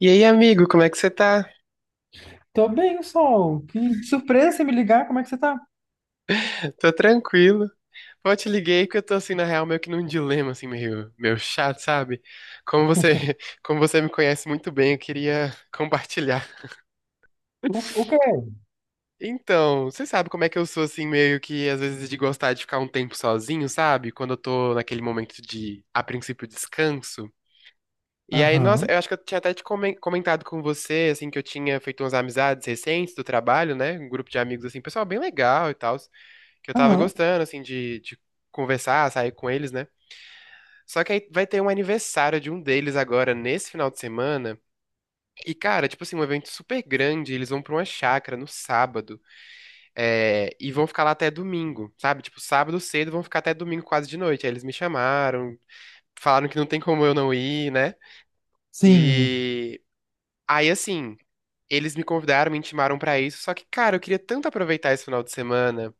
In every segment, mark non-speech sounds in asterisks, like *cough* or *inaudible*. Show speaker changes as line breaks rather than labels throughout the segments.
E aí, amigo, como é que você tá?
Tô bem, Sol. Que surpresa você me ligar. Como é que você tá?
Tô tranquilo. Pô, te liguei porque eu tô assim, na real, meio que num dilema, assim, meio chato, sabe? Como você,
*laughs*
*laughs* como você me conhece muito bem, eu queria compartilhar.
O quê?
Então, você sabe como é que eu sou, assim, meio que às vezes de gostar de ficar um tempo sozinho, sabe? Quando eu tô naquele momento de, a princípio, descanso. E aí, nossa,
Aham,
eu acho que eu tinha até te comentado com você, assim, que eu tinha feito umas amizades recentes do trabalho, né? Um grupo de amigos, assim, pessoal bem legal e tal. Que eu tava
aham.
gostando, assim, de conversar, sair com eles, né? Só que aí vai ter um aniversário de um deles agora, nesse final de semana. E, cara, tipo assim, um evento super grande. Eles vão pra uma chácara no sábado. É, e vão ficar lá até domingo, sabe? Tipo, sábado cedo vão ficar até domingo quase de noite. Aí eles me chamaram, falaram que não tem como eu não ir, né?
Sim,
E. Aí, assim, eles me convidaram, me intimaram pra isso, só que, cara, eu queria tanto aproveitar esse final de semana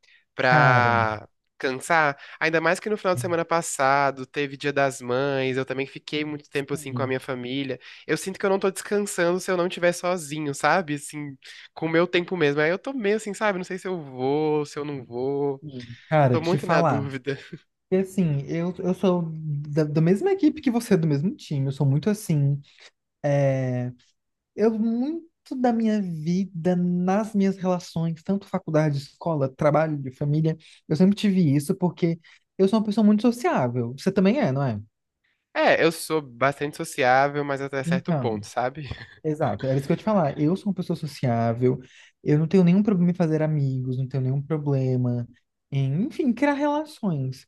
cara.
pra cansar, ainda mais que no final de semana passado teve Dia das Mães, eu também fiquei muito tempo assim com a
Hum,
minha família. Eu sinto que eu não tô descansando se eu não estiver sozinho, sabe? Assim, com o meu tempo mesmo. Aí eu tô meio assim, sabe? Não sei se eu vou, se eu não vou. Tô
Cara, te
muito na
falar.
dúvida.
E assim, eu sou da mesma equipe que você, do mesmo time. Eu sou muito assim. Eu, muito da minha vida, nas minhas relações, tanto faculdade, escola, trabalho, família, eu sempre tive isso porque eu sou uma pessoa muito sociável. Você também é, não é?
É, eu sou bastante sociável, mas até certo
Então.
ponto, sabe?
Exato, era isso que eu ia te falar. Eu sou uma pessoa sociável, eu não tenho nenhum problema em fazer amigos, não tenho nenhum problema em, enfim, criar relações.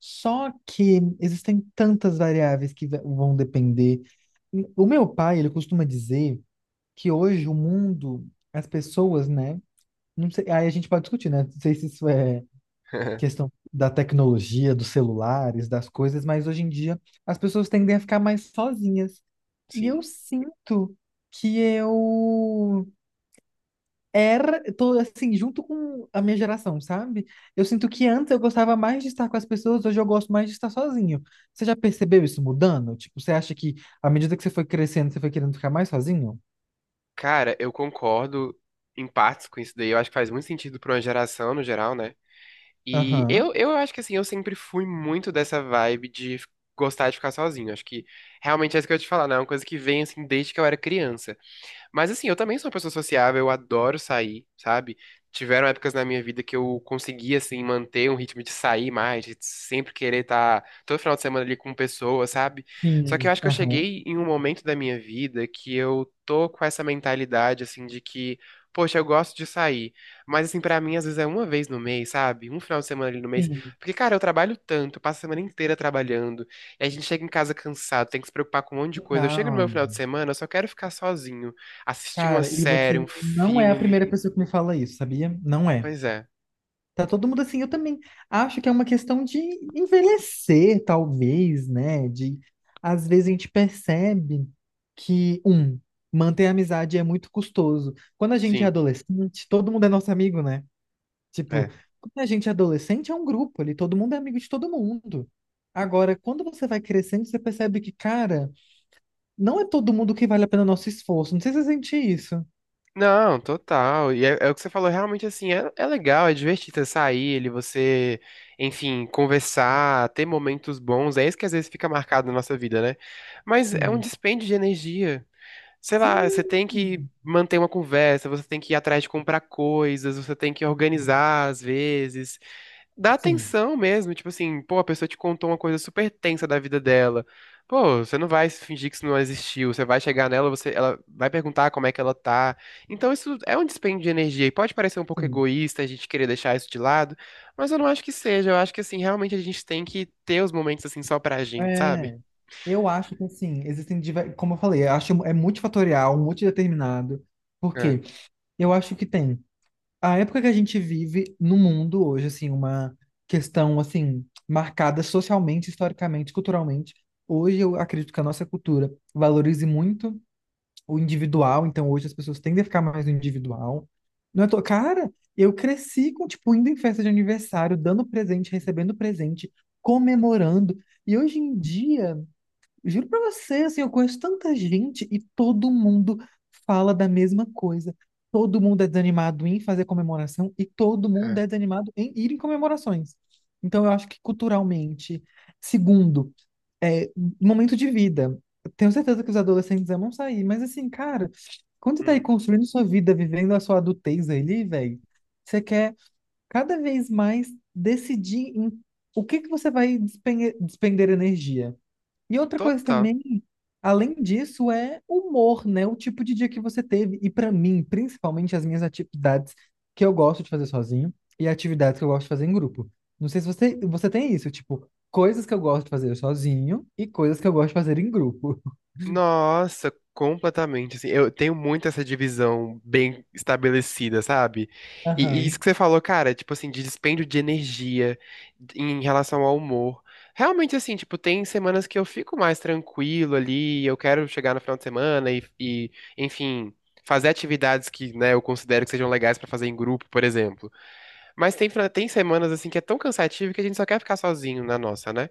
Só que existem tantas variáveis que vão depender. O meu pai, ele costuma dizer que hoje o mundo, as pessoas, né? Não sei, aí a gente pode discutir, né? Não sei se isso é
*laughs*
questão da tecnologia, dos celulares, das coisas, mas hoje em dia as pessoas tendem a ficar mais sozinhas. E eu
Sim.
sinto que eu era, tô assim, junto com a minha geração, sabe? Eu sinto que antes eu gostava mais de estar com as pessoas, hoje eu gosto mais de estar sozinho. Você já percebeu isso mudando? Tipo, você acha que à medida que você foi crescendo, você foi querendo ficar mais sozinho?
Cara, eu concordo em partes com isso daí. Eu acho que faz muito sentido pra uma geração no geral, né? E
Aham.
eu acho que assim, eu sempre fui muito dessa vibe de gostar de ficar sozinho. Acho que realmente é isso que eu ia te falar, né? É uma coisa que vem assim desde que eu era criança. Mas assim, eu também sou uma pessoa sociável, eu adoro sair, sabe? Tiveram épocas na minha vida que eu conseguia assim, manter um ritmo de sair mais, de sempre querer estar todo final de semana ali com pessoas, sabe? Só que eu
Sim,
acho que eu
aham.
cheguei em um momento da minha vida que eu tô com essa mentalidade, assim, de que, poxa, eu gosto de sair, mas, assim, pra mim, às vezes é uma vez no mês, sabe? Um final de semana ali no mês.
Sim.
Porque, cara, eu trabalho tanto, eu passo a semana inteira trabalhando, e a gente chega em casa cansado, tem que se preocupar com um monte de coisa. Eu chego no meu
Total.
final de semana, eu só quero ficar sozinho. Assistir uma
Cara, e
série,
você
um
não é a
filme.
primeira pessoa que me fala isso, sabia? Não é.
Pois é,
Tá todo mundo assim, eu também acho que é uma questão de envelhecer, talvez, né? De às vezes a gente percebe que, um, manter a amizade é muito custoso. Quando a gente é
sim,
adolescente, todo mundo é nosso amigo, né? Tipo,
é.
quando a gente é adolescente, é um grupo ali, todo mundo é amigo de todo mundo. Agora, quando você vai crescendo, você percebe que, cara, não é todo mundo que vale a pena o nosso esforço. Não sei se você sente isso.
Não, total. E é o que você falou, realmente assim, é legal, é divertido você sair, ele, você, enfim, conversar, ter momentos bons. É isso que às vezes fica marcado na nossa vida, né? Mas é um
Sim,
dispêndio de energia. Sei lá, você
sim,
tem que manter uma conversa, você tem que ir atrás de comprar coisas, você tem que organizar às vezes. Dá
sim,
atenção mesmo, tipo assim, pô, a pessoa te contou uma coisa super tensa da vida dela. Pô, você não vai fingir que isso não existiu, você vai chegar nela, você, ela vai perguntar como é que ela tá. Então isso é um dispêndio de energia e pode parecer um pouco
sim.
egoísta a gente querer deixar isso de lado, mas eu não acho que seja. Eu acho que assim, realmente a gente tem que ter os momentos assim só pra gente, sabe?
É, eu acho que assim, existem, como eu falei, eu acho é multifatorial, multideterminado,
É,
porque eu acho que tem a época que a gente vive no mundo hoje, assim, uma questão assim marcada socialmente, historicamente, culturalmente. Hoje eu acredito que a nossa cultura valorize muito o individual, então hoje as pessoas tendem a ficar mais no individual. Não é cara, eu cresci com tipo indo em festa de aniversário, dando presente, recebendo presente, comemorando. E hoje em dia juro pra você, assim, eu conheço tanta gente e todo mundo fala da mesma coisa. Todo mundo é desanimado em fazer comemoração e todo mundo
é.
é desanimado em ir em comemorações. Então, eu acho que culturalmente. Segundo, é, momento de vida. Eu tenho certeza que os adolescentes amam sair, mas assim, cara, quando você tá aí
Hum,
construindo sua vida, vivendo a sua adultez ali, velho, você quer cada vez mais decidir em o que que você vai despender energia. E outra coisa
total.
também, além disso, é humor, né? O tipo de dia que você teve. E pra mim, principalmente as minhas atividades que eu gosto de fazer sozinho e atividades que eu gosto de fazer em grupo. Não sei se você, você tem isso, tipo, coisas que eu gosto de fazer sozinho e coisas que eu gosto de fazer em grupo.
Nossa, completamente. Assim, eu tenho muito essa divisão bem estabelecida, sabe? E
Aham,
isso que você falou, cara, tipo assim, de dispêndio de energia em relação ao humor. Realmente, assim, tipo, tem semanas que eu fico mais tranquilo ali, eu quero chegar no final de semana e enfim, fazer atividades que, né, eu considero que sejam legais pra fazer em grupo, por exemplo. Mas tem, tem semanas, assim, que é tão cansativo que a gente só quer ficar sozinho na nossa, né?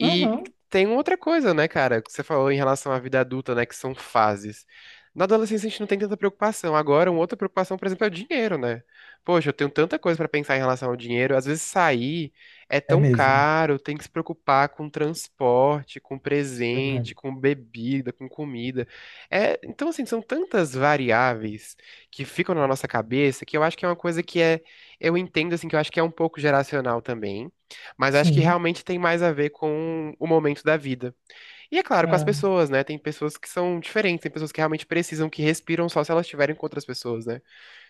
*laughs* aham.
tem outra coisa, né, cara, que você falou em relação à vida adulta, né, que são fases. Na adolescência a gente não tem tanta preocupação. Agora, uma outra preocupação, por exemplo, é o dinheiro, né? Poxa, eu tenho tanta coisa pra pensar em relação ao dinheiro. Às vezes sair é
É
tão
mesmo.
caro, tem que se preocupar com transporte, com
Isso é
presente,
verdade.
com bebida, com comida. É, então, assim, são tantas variáveis que ficam na nossa cabeça que eu acho que é uma coisa que é, eu entendo assim que eu acho que é um pouco geracional também, mas acho que
Sim.
realmente tem mais a ver com o momento da vida. E é claro, com as
Ah,
pessoas, né? Tem pessoas que são diferentes, tem pessoas que realmente precisam, que respiram só se elas estiverem com outras pessoas, né?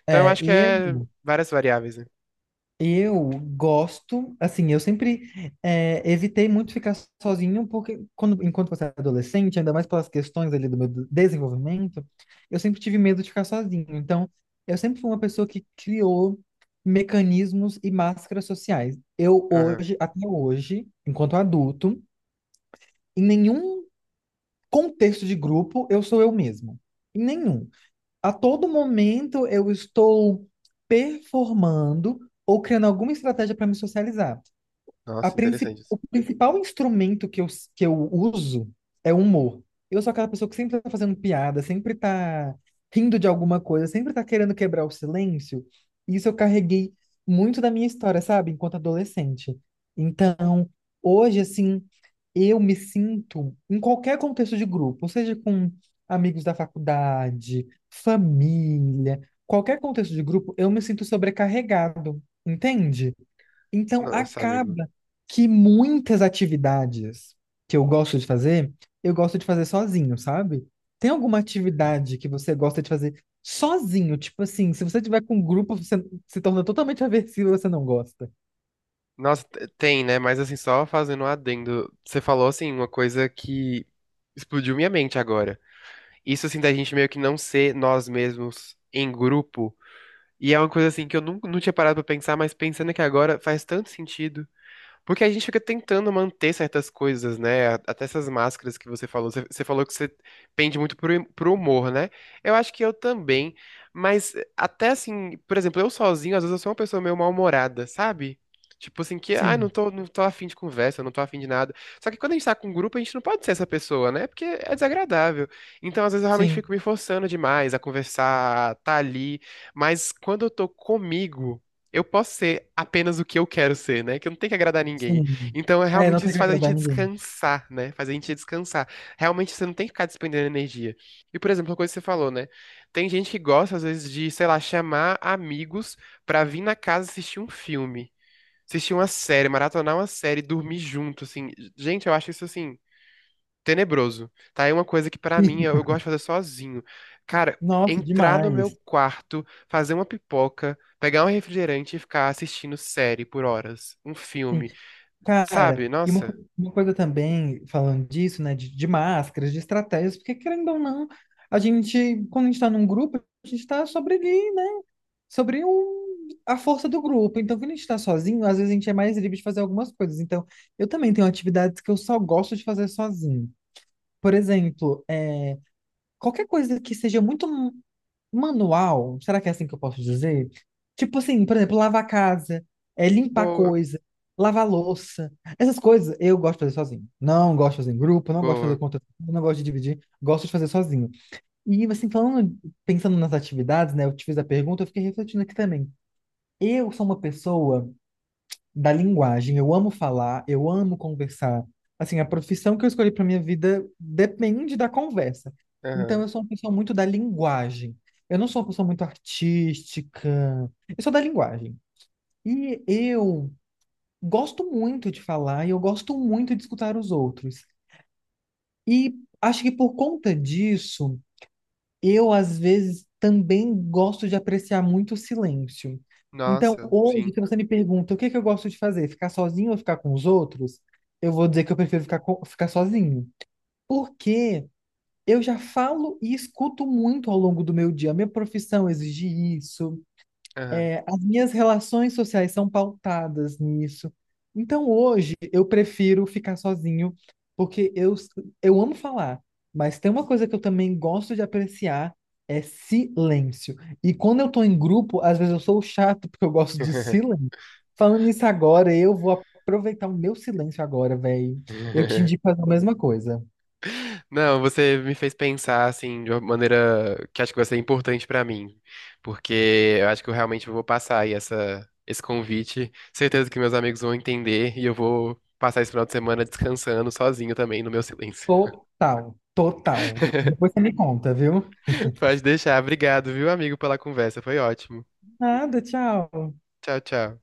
Então eu
é,
acho que
e
é
eu.
várias variáveis, né?
Eu gosto, assim, eu sempre evitei muito ficar sozinho, porque quando, enquanto você é adolescente, ainda mais pelas questões ali do meu desenvolvimento, eu sempre tive medo de ficar sozinho. Então, eu sempre fui uma pessoa que criou mecanismos e máscaras sociais. Eu
Aham.
hoje, até hoje, enquanto adulto, em nenhum contexto de grupo, eu sou eu mesmo. Em nenhum. A todo momento, eu estou performando ou criando alguma estratégia para me socializar.
Nossa, interessante isso.
O principal instrumento que que eu uso é o humor. Eu sou aquela pessoa que sempre tá fazendo piada, sempre tá rindo de alguma coisa, sempre tá querendo quebrar o silêncio. Isso eu carreguei muito da minha história, sabe? Enquanto adolescente. Então, hoje, assim, eu me sinto em qualquer contexto de grupo, seja com amigos da faculdade, família, qualquer contexto de grupo, eu me sinto sobrecarregado, entende? Então,
Nossa, amigo.
acaba que muitas atividades que eu gosto de fazer, eu gosto de fazer sozinho, sabe? Tem alguma atividade que você gosta de fazer sozinho? Tipo assim, se você tiver com um grupo, você se torna totalmente *laughs* aversivo e você não gosta.
Nossa, tem, né? Mas assim, só fazendo um adendo, você falou assim uma coisa que explodiu minha mente agora. Isso assim da gente meio que não ser nós mesmos em grupo. E é uma coisa assim que eu nunca não tinha parado pra pensar, mas pensando que agora faz tanto sentido. Porque a gente fica tentando manter certas coisas, né? Até essas máscaras que você falou. Você falou que você pende muito pro humor, né? Eu acho que eu também. Mas até assim, por exemplo, eu sozinho, às vezes eu sou uma pessoa meio mal-humorada, sabe? Tipo assim, que, ah, não
Sim,
tô, não tô afim de conversa, não tô afim de nada. Só que quando a gente tá com um grupo, a gente não pode ser essa pessoa, né? Porque é desagradável. Então, às vezes, eu realmente
sim,
fico me forçando demais a conversar, a tá ali. Mas quando eu tô comigo eu posso ser apenas o que eu quero ser, né? Que eu não tenho que agradar ninguém.
sim.
Então, é,
É, não
realmente,
tem
isso
que
faz a gente
agradar ninguém.
descansar, né? Faz a gente descansar. Realmente, você não tem que ficar despendendo energia. E, por exemplo, uma coisa que você falou, né? Tem gente que gosta, às vezes, de, sei lá, chamar amigos pra vir na casa assistir um filme, assistir uma série, maratonar uma série, dormir junto, assim. Gente, eu acho isso, assim, tenebroso. Tá? É uma coisa que pra mim eu gosto
*laughs*
de fazer sozinho. Cara,
Nossa,
entrar no meu
demais.
quarto, fazer uma pipoca, pegar um refrigerante e ficar assistindo série por horas, um
Sim.
filme,
Cara,
sabe?
e uma,
Nossa,
uma coisa também, falando disso, né, de máscaras, de estratégias, porque querendo ou não, a gente, quando a gente está num grupo, a gente está sobre ali, né, sobre o, a força do grupo. Então, quando a gente está sozinho, às vezes a gente é mais livre de fazer algumas coisas. Então, eu também tenho atividades que eu só gosto de fazer sozinho. Por exemplo, é, qualquer coisa que seja muito manual, será que é assim que eu posso dizer? Tipo assim, por exemplo, lavar a casa, é, limpar
boa,
coisa, lavar louça. Essas coisas eu gosto de fazer sozinho. Não gosto de fazer em grupo, não gosto de fazer
boa.
conta, não gosto de dividir, gosto de fazer sozinho. E assim, falando, pensando nas atividades, né? Eu te fiz a pergunta, eu fiquei refletindo aqui também. Eu sou uma pessoa da linguagem. Eu amo falar, eu amo conversar. Assim, a profissão que eu escolhi para minha vida depende da conversa. Então,
Aham.
eu sou uma pessoa muito da linguagem. Eu não sou uma pessoa muito artística. Eu sou da linguagem. E eu gosto muito de falar e eu gosto muito de escutar os outros. E acho que por conta disso, eu, às vezes, também gosto de apreciar muito o silêncio. Então,
Nossa,
hoje,
sim.
se você me pergunta o que que eu gosto de fazer, ficar sozinho ou ficar com os outros, eu vou dizer que eu prefiro ficar, ficar sozinho. Porque eu já falo e escuto muito ao longo do meu dia. Minha profissão exige isso,
Aham.
é, as minhas relações sociais são pautadas nisso. Então, hoje, eu prefiro ficar sozinho, porque eu amo falar, mas tem uma coisa que eu também gosto de apreciar, é silêncio. E quando eu tô em grupo, às vezes eu sou o chato, porque eu gosto de
*laughs*
silêncio. Falando nisso agora, eu vou aproveitar o meu silêncio agora, velho. Eu te indico fazer a mesma coisa.
Não, você me fez pensar assim de uma maneira que acho que vai ser importante pra mim, porque eu acho que eu realmente vou passar aí essa esse convite. Certeza que meus amigos vão entender e eu vou passar esse final de semana descansando sozinho também no meu silêncio.
Total, total.
*laughs*
Depois você me conta, viu?
Pode deixar. Obrigado, viu, amigo, pela conversa. Foi ótimo.
Nada, tchau.
Tchau, tchau.